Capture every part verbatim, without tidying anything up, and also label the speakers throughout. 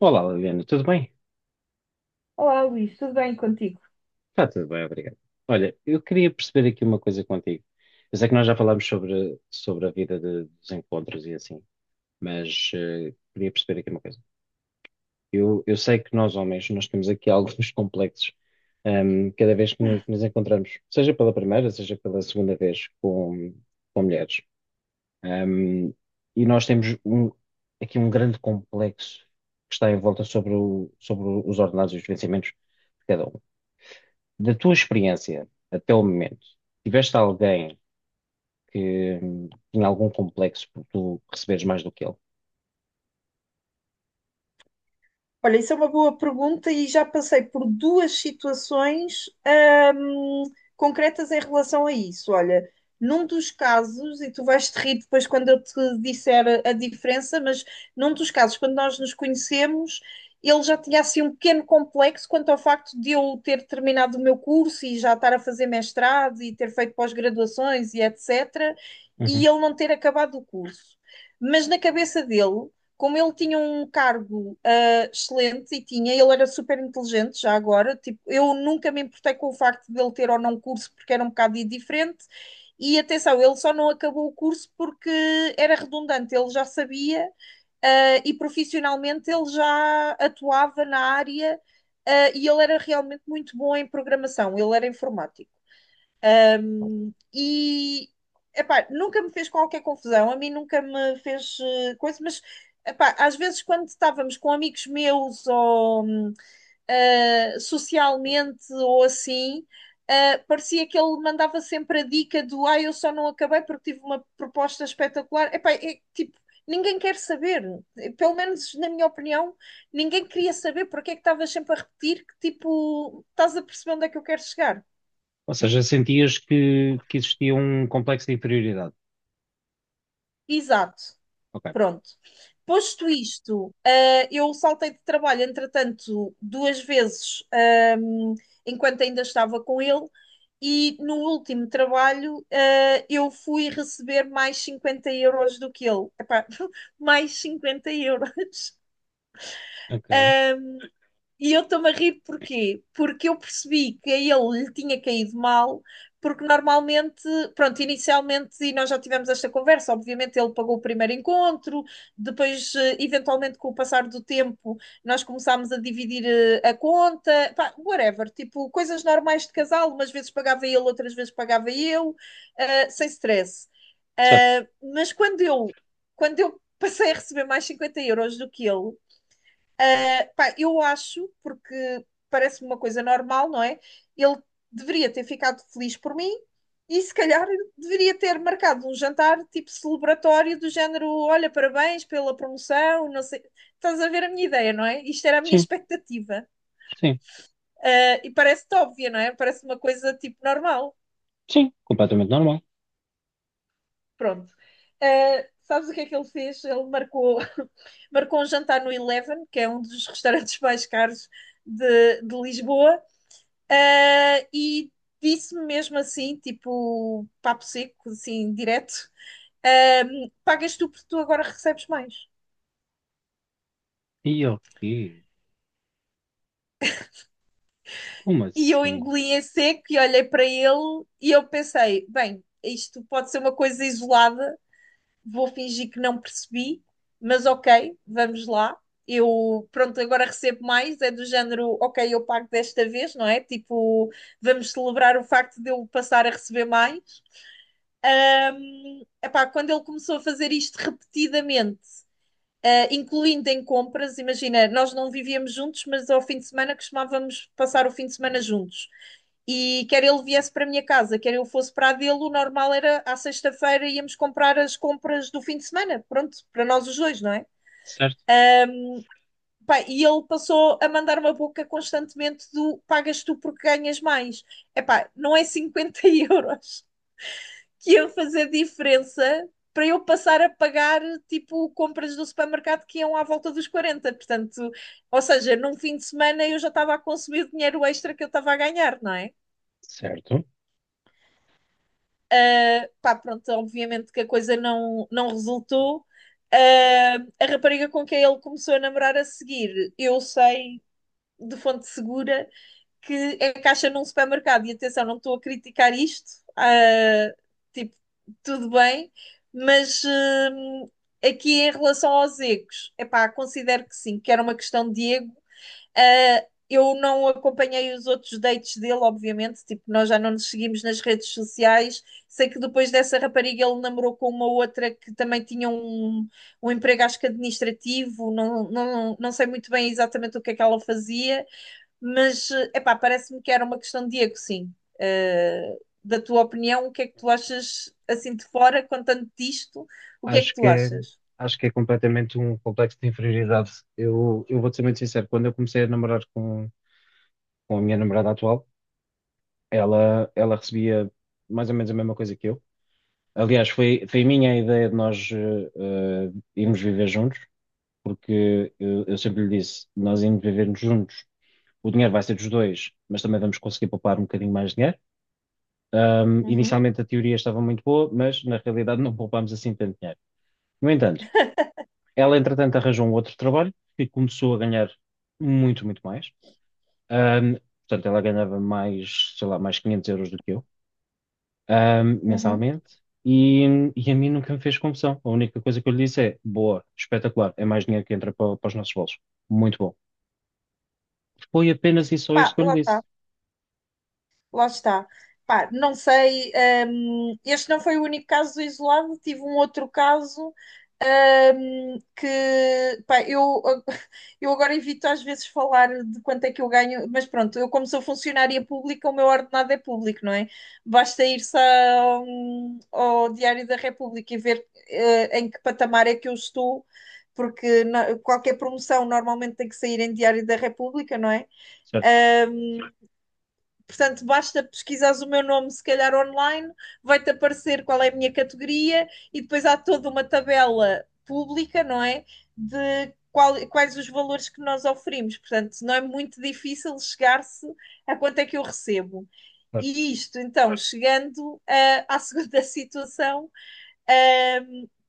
Speaker 1: Olá, Liliana, tudo bem?
Speaker 2: Olá, Luís, tudo bem contigo?
Speaker 1: Está tudo bem, obrigado. Olha, eu queria perceber aqui uma coisa contigo. Eu sei que nós já falámos sobre, sobre a vida de- dos encontros e assim, mas eh, queria perceber aqui uma coisa. Eu, eu sei que nós, homens, nós temos aqui alguns complexos ehm, cada vez que nos, nos encontramos, seja pela primeira, seja pela segunda vez com, com mulheres. Ehm, e nós temos um- aqui um grande complexo que está em volta sobre, o- sobre os ordenados e os vencimentos de cada um. Da tua experiência até o momento, tiveste alguém que hum, tinha algum complexo por tu receberes mais do que ele?
Speaker 2: Olha, isso é uma boa pergunta e já passei por duas situações, hum, concretas em relação a isso. Olha, num dos casos, e tu vais te rir depois quando eu te disser a, a diferença, mas num dos casos, quando nós nos conhecemos, ele já tinha assim um pequeno complexo quanto ao facto de eu ter terminado o meu curso e já estar a fazer mestrado e ter feito pós-graduações e etecetera, e
Speaker 1: Uhum.
Speaker 2: ele não ter acabado o curso. Mas na cabeça dele, como ele tinha um cargo excelente e tinha, ele era super inteligente já agora, tipo, eu nunca me importei com o facto de ele ter ou não curso porque era um bocado diferente e atenção, ele só não acabou o curso porque era redundante, ele já sabia ah, e profissionalmente ele já atuava na área ah, e ele era realmente muito bom em programação, ele era informático. E, epá, nunca me fez qualquer confusão, a mim nunca me fez eh, coisa, mas epá, às vezes quando estávamos com amigos meus ou hum, ah, socialmente ou assim, ah, parecia que ele mandava sempre a dica do ah, eu só não acabei porque tive uma proposta espetacular. Epá, é, tipo, ninguém quer saber. Pelo menos na minha opinião, ninguém queria saber porque é que estavas sempre a repetir que tipo, estás a perceber onde é que eu quero chegar.
Speaker 1: Ou seja, sentias que, que existia um complexo de inferioridade?
Speaker 2: Exato.
Speaker 1: Ok,
Speaker 2: Pronto. Posto isto, eh, eu saltei de trabalho, entretanto, duas vezes, ehm, enquanto ainda estava com ele, e no último trabalho, eh, eu fui receber mais cinquenta euros do que ele. Epá, mais cinquenta euros.
Speaker 1: ok,
Speaker 2: Eh, e eu estou-me a rir porquê? Porque eu percebi que a ele lhe tinha caído mal, porque normalmente, pronto, inicialmente, e nós já tivemos esta conversa, obviamente ele pagou o primeiro encontro, depois, eh, eventualmente, com o passar do tempo, nós começámos a dividir eh, a conta, pá, whatever, tipo, coisas normais de casal, umas vezes pagava ele, outras vezes pagava eu, eh, sem stress.
Speaker 1: certo.
Speaker 2: Eh, mas quando eu, quando eu passei a receber mais cinquenta euros do que ele. Pá, eu acho, porque parece-me uma coisa normal, não é? Ele deveria ter ficado feliz por mim e se calhar deveria ter marcado um jantar tipo celebratório do género, olha, parabéns pela promoção, não sei. Estás a ver a minha ideia, não é? Isto era a minha
Speaker 1: Sim,
Speaker 2: expectativa.
Speaker 1: sim,
Speaker 2: Ah, e parece-te óbvia, não é? Parece uma coisa tipo normal.
Speaker 1: sim, completamente normal.
Speaker 2: Pronto. Ah, sabes o que é que ele fez? Ele marcou, marcou um jantar no Eleven, que é um dos restaurantes mais caros de, de Lisboa. Ah, e disse-me mesmo assim, tipo, papo seco, assim, direto: ah, pagas tu porque tu agora recebes mais.
Speaker 1: E ok, como
Speaker 2: E eu
Speaker 1: assim?
Speaker 2: engoli em seco e olhei para ele e eu pensei: bem, isto pode ser uma coisa isolada, vou fingir que não percebi, mas ok, vamos lá. Eu, pronto, agora recebo mais, é do género, ok, eu pago desta vez, não é? Tipo, vamos celebrar o facto de eu passar a receber mais. Epá, quando ele começou a fazer isto repetidamente eh, incluindo em compras. Imagina, nós não vivíamos juntos, mas ao fim de semana costumávamos passar o fim de semana juntos. E quer ele viesse para a minha casa, quer eu fosse para a dele, o normal era à sexta-feira íamos comprar as compras do fim de semana. Pronto, para nós os dois, não é?
Speaker 1: Certo,
Speaker 2: Pá, e ele passou a mandar uma boca constantemente do pagas tu porque ganhas mais. Epá, não é cinquenta euros que iam fazer diferença para eu passar a pagar tipo compras do supermercado que iam à volta dos quarenta. Portanto, ou seja, num fim de semana eu já estava a consumir dinheiro extra que eu estava a ganhar, não é?
Speaker 1: certo.
Speaker 2: Uh, pá, pronto, obviamente que a coisa não, não resultou. Uh, a rapariga com quem ele começou a namorar a seguir, eu sei de fonte segura que é caixa num supermercado. E atenção, não estou a criticar isto, ah, tipo, tudo bem, mas hum, aqui em relação aos egos, epá, considero que sim, que era uma questão de ego. Ah, eu não acompanhei os outros dates dele, obviamente, tipo, nós já não nos seguimos nas redes sociais. Sei que depois dessa rapariga ele namorou com uma outra que também tinha um, um emprego, acho que administrativo, não, não, não sei muito bem exatamente o que é que ela fazia. Mas, eh, epá, parece-me que era uma questão de ego, sim. Eh, da tua opinião, o que é que tu achas assim de fora, contando disto, o que é que
Speaker 1: Acho que
Speaker 2: tu
Speaker 1: é,
Speaker 2: achas?
Speaker 1: acho que é completamente um complexo de inferioridade. Eu, eu vou-te ser muito sincero, quando eu comecei a namorar com, com a minha namorada atual, ela, ela recebia mais ou menos a mesma coisa que eu. Aliás, foi, foi a minha ideia de nós eh, eh, irmos viver juntos, porque eu, eu sempre lhe disse, nós irmos viver juntos, o dinheiro vai ser dos dois, mas também vamos conseguir poupar um bocadinho mais de dinheiro. Ahm,
Speaker 2: Uhum,
Speaker 1: inicialmente a teoria estava muito boa, mas na realidade não poupámos assim tanto dinheiro. No entanto, ela entretanto arranjou um outro trabalho e começou a ganhar muito, muito mais. Ahm, portanto, ela ganhava mais, sei lá, mais quinhentos euros do que eu, ahm,
Speaker 2: uhum.
Speaker 1: mensalmente, e, e a mim nunca me fez confusão. A única coisa que eu lhe disse é, boa, espetacular, é mais dinheiro que entra para, para os nossos bolsos. Muito bom. Foi apenas e só isto
Speaker 2: Pá,
Speaker 1: que eu
Speaker 2: lá
Speaker 1: lhe disse.
Speaker 2: está. Lá está. Pá, não sei, hum, este não foi o único caso isolado, tive um outro caso, hum, que, pá, eu, eu agora evito às vezes falar de quanto é que eu ganho, mas pronto, eu como sou funcionária pública, o meu ordenado é público, não é? Basta ir-se ao, ao Diário da República e ver, eh, em que patamar é que eu estou, porque na- qualquer promoção normalmente tem que sair em Diário da República, não é?
Speaker 1: Certo?
Speaker 2: Portanto, basta pesquisares o meu nome, se calhar online, vai-te aparecer qual é a minha categoria e depois há toda uma tabela pública, não é? De qual- quais os valores que nós oferimos. Portanto, não é muito difícil chegar-se a quanto é que eu recebo.
Speaker 1: Claro.
Speaker 2: E isto, então, chegando ah, à segunda situação, ah,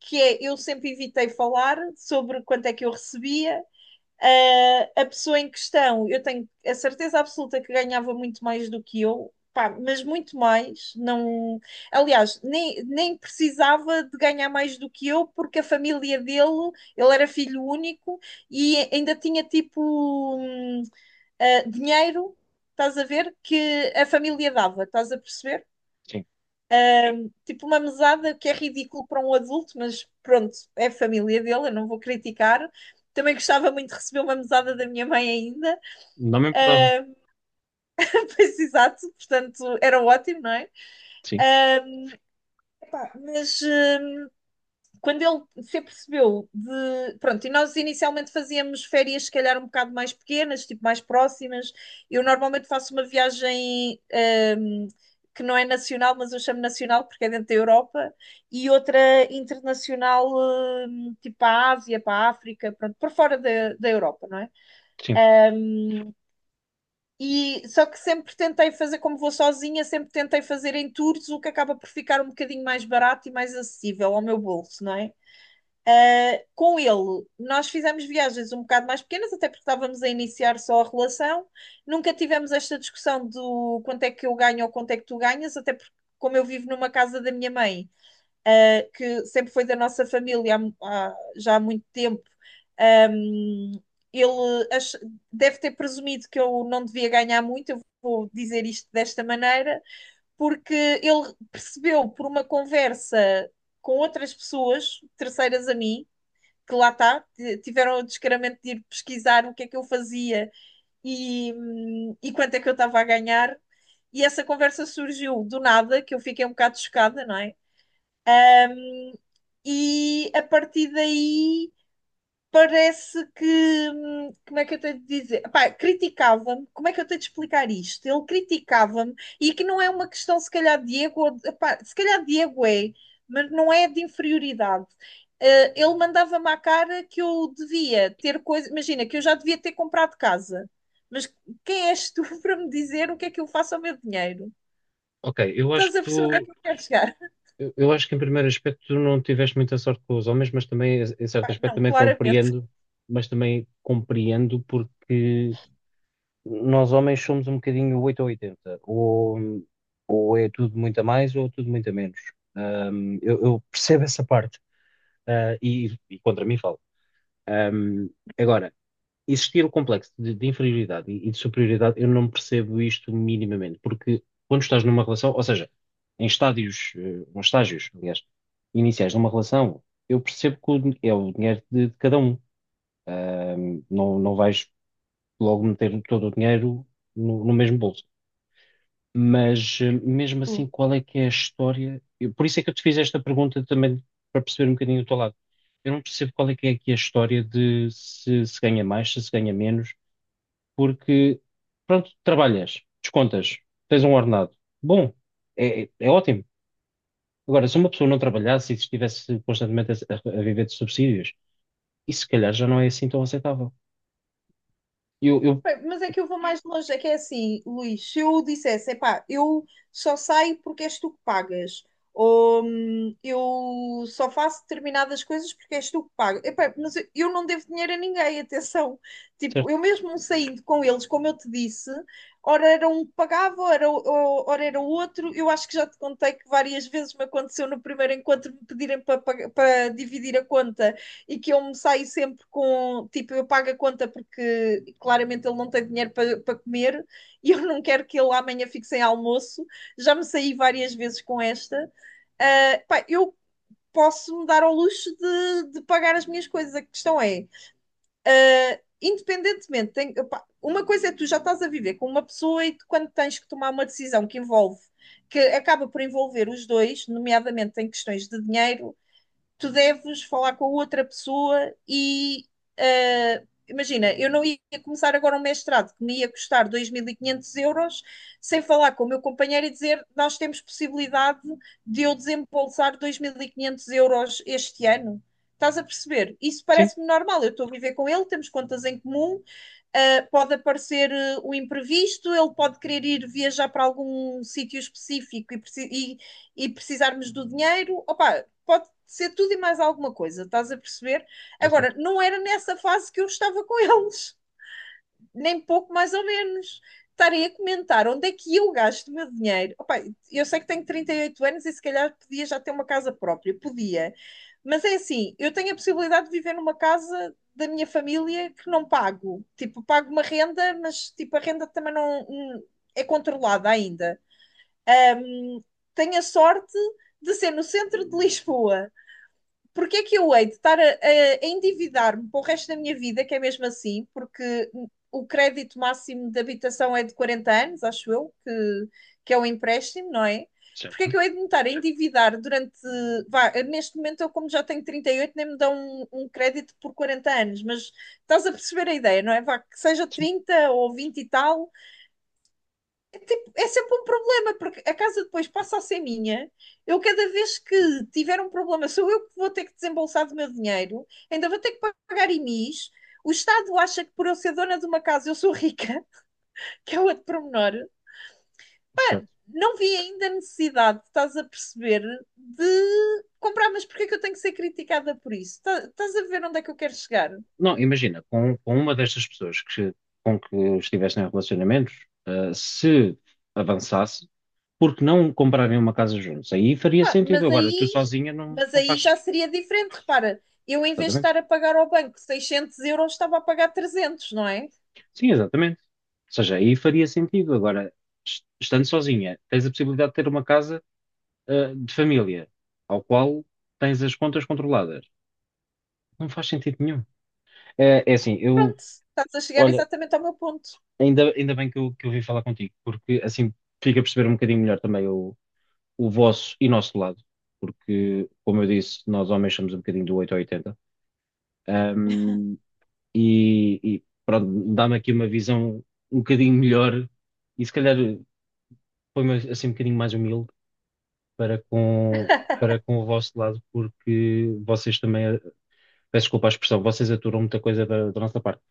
Speaker 2: que é eu sempre evitei falar sobre quanto é que eu recebia, ah, a pessoa em questão, eu tenho a certeza absoluta que ganhava muito mais do que eu, pá, mas muito mais. Não, aliás, nem, nem precisava de ganhar mais do que eu, porque a família dele, ele era filho único e ainda tinha tipo hum, ah, dinheiro, estás a ver, que a família dava, estás a perceber?
Speaker 1: Sim.
Speaker 2: Tipo uma mesada que é ridículo para um adulto, mas pronto, é a família dele, eu não vou criticar. Também gostava muito de receber uma mesada da minha mãe ainda.
Speaker 1: Não me importava.
Speaker 2: Pois, exato, portanto era ótimo, não é?
Speaker 1: Sim,
Speaker 2: Uh, pá, mas uh, quando ele se apercebeu de. Pronto, e nós inicialmente fazíamos férias, se calhar um bocado mais pequenas, tipo mais próximas. Eu normalmente faço uma viagem, um, que não é nacional, mas eu chamo nacional porque é dentro da Europa, e outra internacional, hum, tipo para a Ásia, para a África, pronto, por fora da, da Europa, não é?
Speaker 1: sim.
Speaker 2: E só que sempre tentei fazer, como vou sozinha, sempre tentei fazer em tours, o que acaba por ficar um bocadinho mais barato e mais acessível ao meu bolso, não é? Ah, com ele, nós fizemos viagens um bocado mais pequenas, até porque estávamos a iniciar só a relação. Nunca tivemos esta discussão do quanto é que eu ganho ou quanto é que tu ganhas, até porque, como eu vivo numa casa da minha mãe, uh, que sempre foi da nossa família há, há- já há muito tempo. Um, ele ach- deve ter presumido que eu não devia ganhar muito, eu vou dizer isto desta maneira, porque ele percebeu por uma conversa com outras pessoas, terceiras a mim, que lá está, tiveram o descaramento de ir pesquisar o que é que eu fazia e, hum, e quanto é que eu estava a ganhar. E essa conversa surgiu do nada, que eu fiquei um bocado chocada, não é? E a partir daí parece que, hum, como é que eu tenho de dizer? Epá, criticava-me, como é que eu tenho de explicar isto? Ele criticava-me e que não é uma questão, se calhar, de ego, ou de- epá, se calhar de ego é, mas não é de inferioridade. Eh, ele mandava-me à cara que eu devia ter coisa, imagina, que eu já devia ter comprado casa. Mas quem és tu para me dizer o que é que eu faço ao meu dinheiro?
Speaker 1: Ok, eu acho
Speaker 2: Estás
Speaker 1: que
Speaker 2: a perceber onde é que
Speaker 1: tu,
Speaker 2: eu quero chegar?
Speaker 1: eu, eu acho que em primeiro aspecto tu não tiveste muita sorte com os homens, mas também, em certo
Speaker 2: Pá,
Speaker 1: aspecto,
Speaker 2: não,
Speaker 1: também
Speaker 2: claramente.
Speaker 1: compreendo, mas também compreendo porque nós homens somos um bocadinho oito ou oitenta ou, ou é tudo muito a mais ou tudo muito a menos. Um, eu, eu percebo essa parte, uh, e, e contra mim falo. Um, agora, existir o complexo de, de inferioridade e, e de superioridade, eu não percebo isto minimamente, porque quando estás numa relação, ou seja, em estádios, eh, nos estágios, aliás, iniciais de uma relação, eu percebo que o din- é o dinheiro de, de cada um. Ahm, não, não vais logo meter todo o dinheiro no, no mesmo bolso. Mas eh, mesmo assim, qual é que é a história? Eu- por isso é que eu te fiz esta pergunta também para perceber um bocadinho o teu lado. Eu não percebo qual é que é aqui a história de se se ganha mais, se se ganha menos, porque pronto, trabalhas, descontas, tens um ordenado. Bom, é, é- é ótimo. Agora, se uma pessoa não trabalhasse e estivesse constantemente a, a viver de subsídios, isso se calhar já não é assim tão aceitável. Eu, eu,
Speaker 2: Mas é que eu vou mais longe, é que é assim, Luís, se eu dissesse, epá, eu só saio porque és tu que pagas, ou hum, eu só faço determinadas coisas porque és tu que pagas, epá, mas eu eu não devo dinheiro a ninguém, atenção, tipo,
Speaker 1: certo,
Speaker 2: eu mesmo saindo com eles, como eu te disse, ora era um que pagava, ora, o- ora era o outro, eu acho que já te contei que várias vezes me aconteceu no primeiro encontro me pedirem para, pag- para dividir a conta, e que eu me saio sempre com, tipo, eu pago a conta porque claramente ele não tem dinheiro para pa comer e eu não quero que ele amanhã fique sem almoço. Já me saí várias vezes com esta. Uh, pá, eu posso me dar ao luxo de, de, pagar as minhas coisas. A questão é, independentemente, tem, opa, uma coisa é que tu já estás a viver com uma pessoa e tu, quando tens que tomar uma decisão que envolve, que acaba por envolver os dois, nomeadamente em questões de dinheiro, tu deves falar com a outra pessoa e ah, imagina, eu não ia começar agora um mestrado que me ia custar dois mil e quinhentos euros sem falar com o meu companheiro e dizer nós temos possibilidade de eu desembolsar dois mil e quinhentos euros este ano. Estás a perceber? Isso
Speaker 1: sim,
Speaker 2: parece-me normal. Eu estou a viver com ele, temos contas em comum. Uh, pode aparecer uh, o imprevisto, ele pode querer ir viajar para algum sítio específico e, e- e precisarmos do dinheiro. Opa, pode ser tudo e mais alguma coisa, estás a perceber? Agora,
Speaker 1: exato,
Speaker 2: não era nessa fase que eu estava com eles nem pouco mais ou menos. Estarem a comentar onde é que eu gasto o meu dinheiro. Opa, eu sei que tenho trinta e oito anos e se calhar podia já ter uma casa própria, podia. Mas é assim, eu tenho a possibilidade de viver numa casa da minha família que não pago. Tipo, pago uma renda, mas tipo, a renda também não hum, é controlada ainda. Hum, Tenho a sorte de ser no centro de Lisboa. Porque é que eu hei de estar a, a endividar-me para o resto da minha vida, que é mesmo assim, porque o crédito máximo de habitação é de quarenta anos, acho eu, que, que é um empréstimo, não é? Porque é
Speaker 1: certo,
Speaker 2: que eu hei de me estar a endividar durante. Vá, neste momento, eu, como já tenho trinta e oito nem me dão um, um crédito por quarenta anos, mas estás a perceber a ideia, não é? Vá, que seja
Speaker 1: sim,
Speaker 2: trinta ou vinte e tal, é, tipo, é sempre um problema, porque a casa depois passa a ser minha. Eu, cada vez que tiver um problema, sou eu que vou ter que desembolsar do meu dinheiro, ainda vou ter que pagar I M Is. O Estado acha que por eu ser dona de uma casa eu sou rica, que é outro pormenor. Pá,
Speaker 1: certo.
Speaker 2: não vi ainda a necessidade, estás a perceber, de comprar, mas porquê é que eu tenho que ser criticada por isso? Tá- Estás a ver onde é que eu quero chegar?
Speaker 1: Não, imagina, com, com uma destas pessoas que, com que estivessem em relacionamentos, eh, se avançasse, porque não comprarem uma casa juntos? Aí faria
Speaker 2: Pá,
Speaker 1: sentido.
Speaker 2: mas
Speaker 1: Agora, tu
Speaker 2: aí,
Speaker 1: sozinha não,
Speaker 2: mas
Speaker 1: não
Speaker 2: aí
Speaker 1: faz.
Speaker 2: já seria diferente, repara. Eu, em vez de
Speaker 1: Exatamente.
Speaker 2: estar a pagar ao banco seiscentos euros, estava a pagar trezentos não é?
Speaker 1: Sim, exatamente. Ou seja, aí faria sentido. Agora, est- estando sozinha, tens a possibilidade de ter uma casa, eh, de família, ao qual tens as contas controladas. Não faz sentido nenhum. É, é assim, eu,
Speaker 2: Pronto, estás a chegar
Speaker 1: olha,
Speaker 2: exatamente ao meu ponto.
Speaker 1: ainda, ainda bem que eu, que eu vim falar contigo, porque assim fica a perceber um bocadinho melhor também o o vosso e nosso lado, porque, como eu disse, nós homens somos um bocadinho do oito ao oitenta. Um, e, e pronto, dá-me aqui uma visão um bocadinho melhor e se calhar põe-me assim um bocadinho mais humilde para com, para com o vosso lado, porque vocês também, peço desculpa a expressão, vocês aturam muita coisa da, da nossa parte.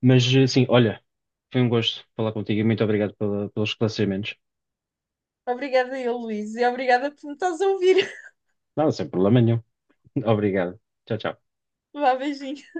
Speaker 1: Mas sim, olha, foi um gosto falar contigo e muito obrigado pela- pelos esclarecimentos.
Speaker 2: Obrigada eu, Luís, e obrigada por me estás a ouvir.
Speaker 1: Não, sem problema nenhum. Obrigado. Tchau, tchau.
Speaker 2: Vá, beijinho.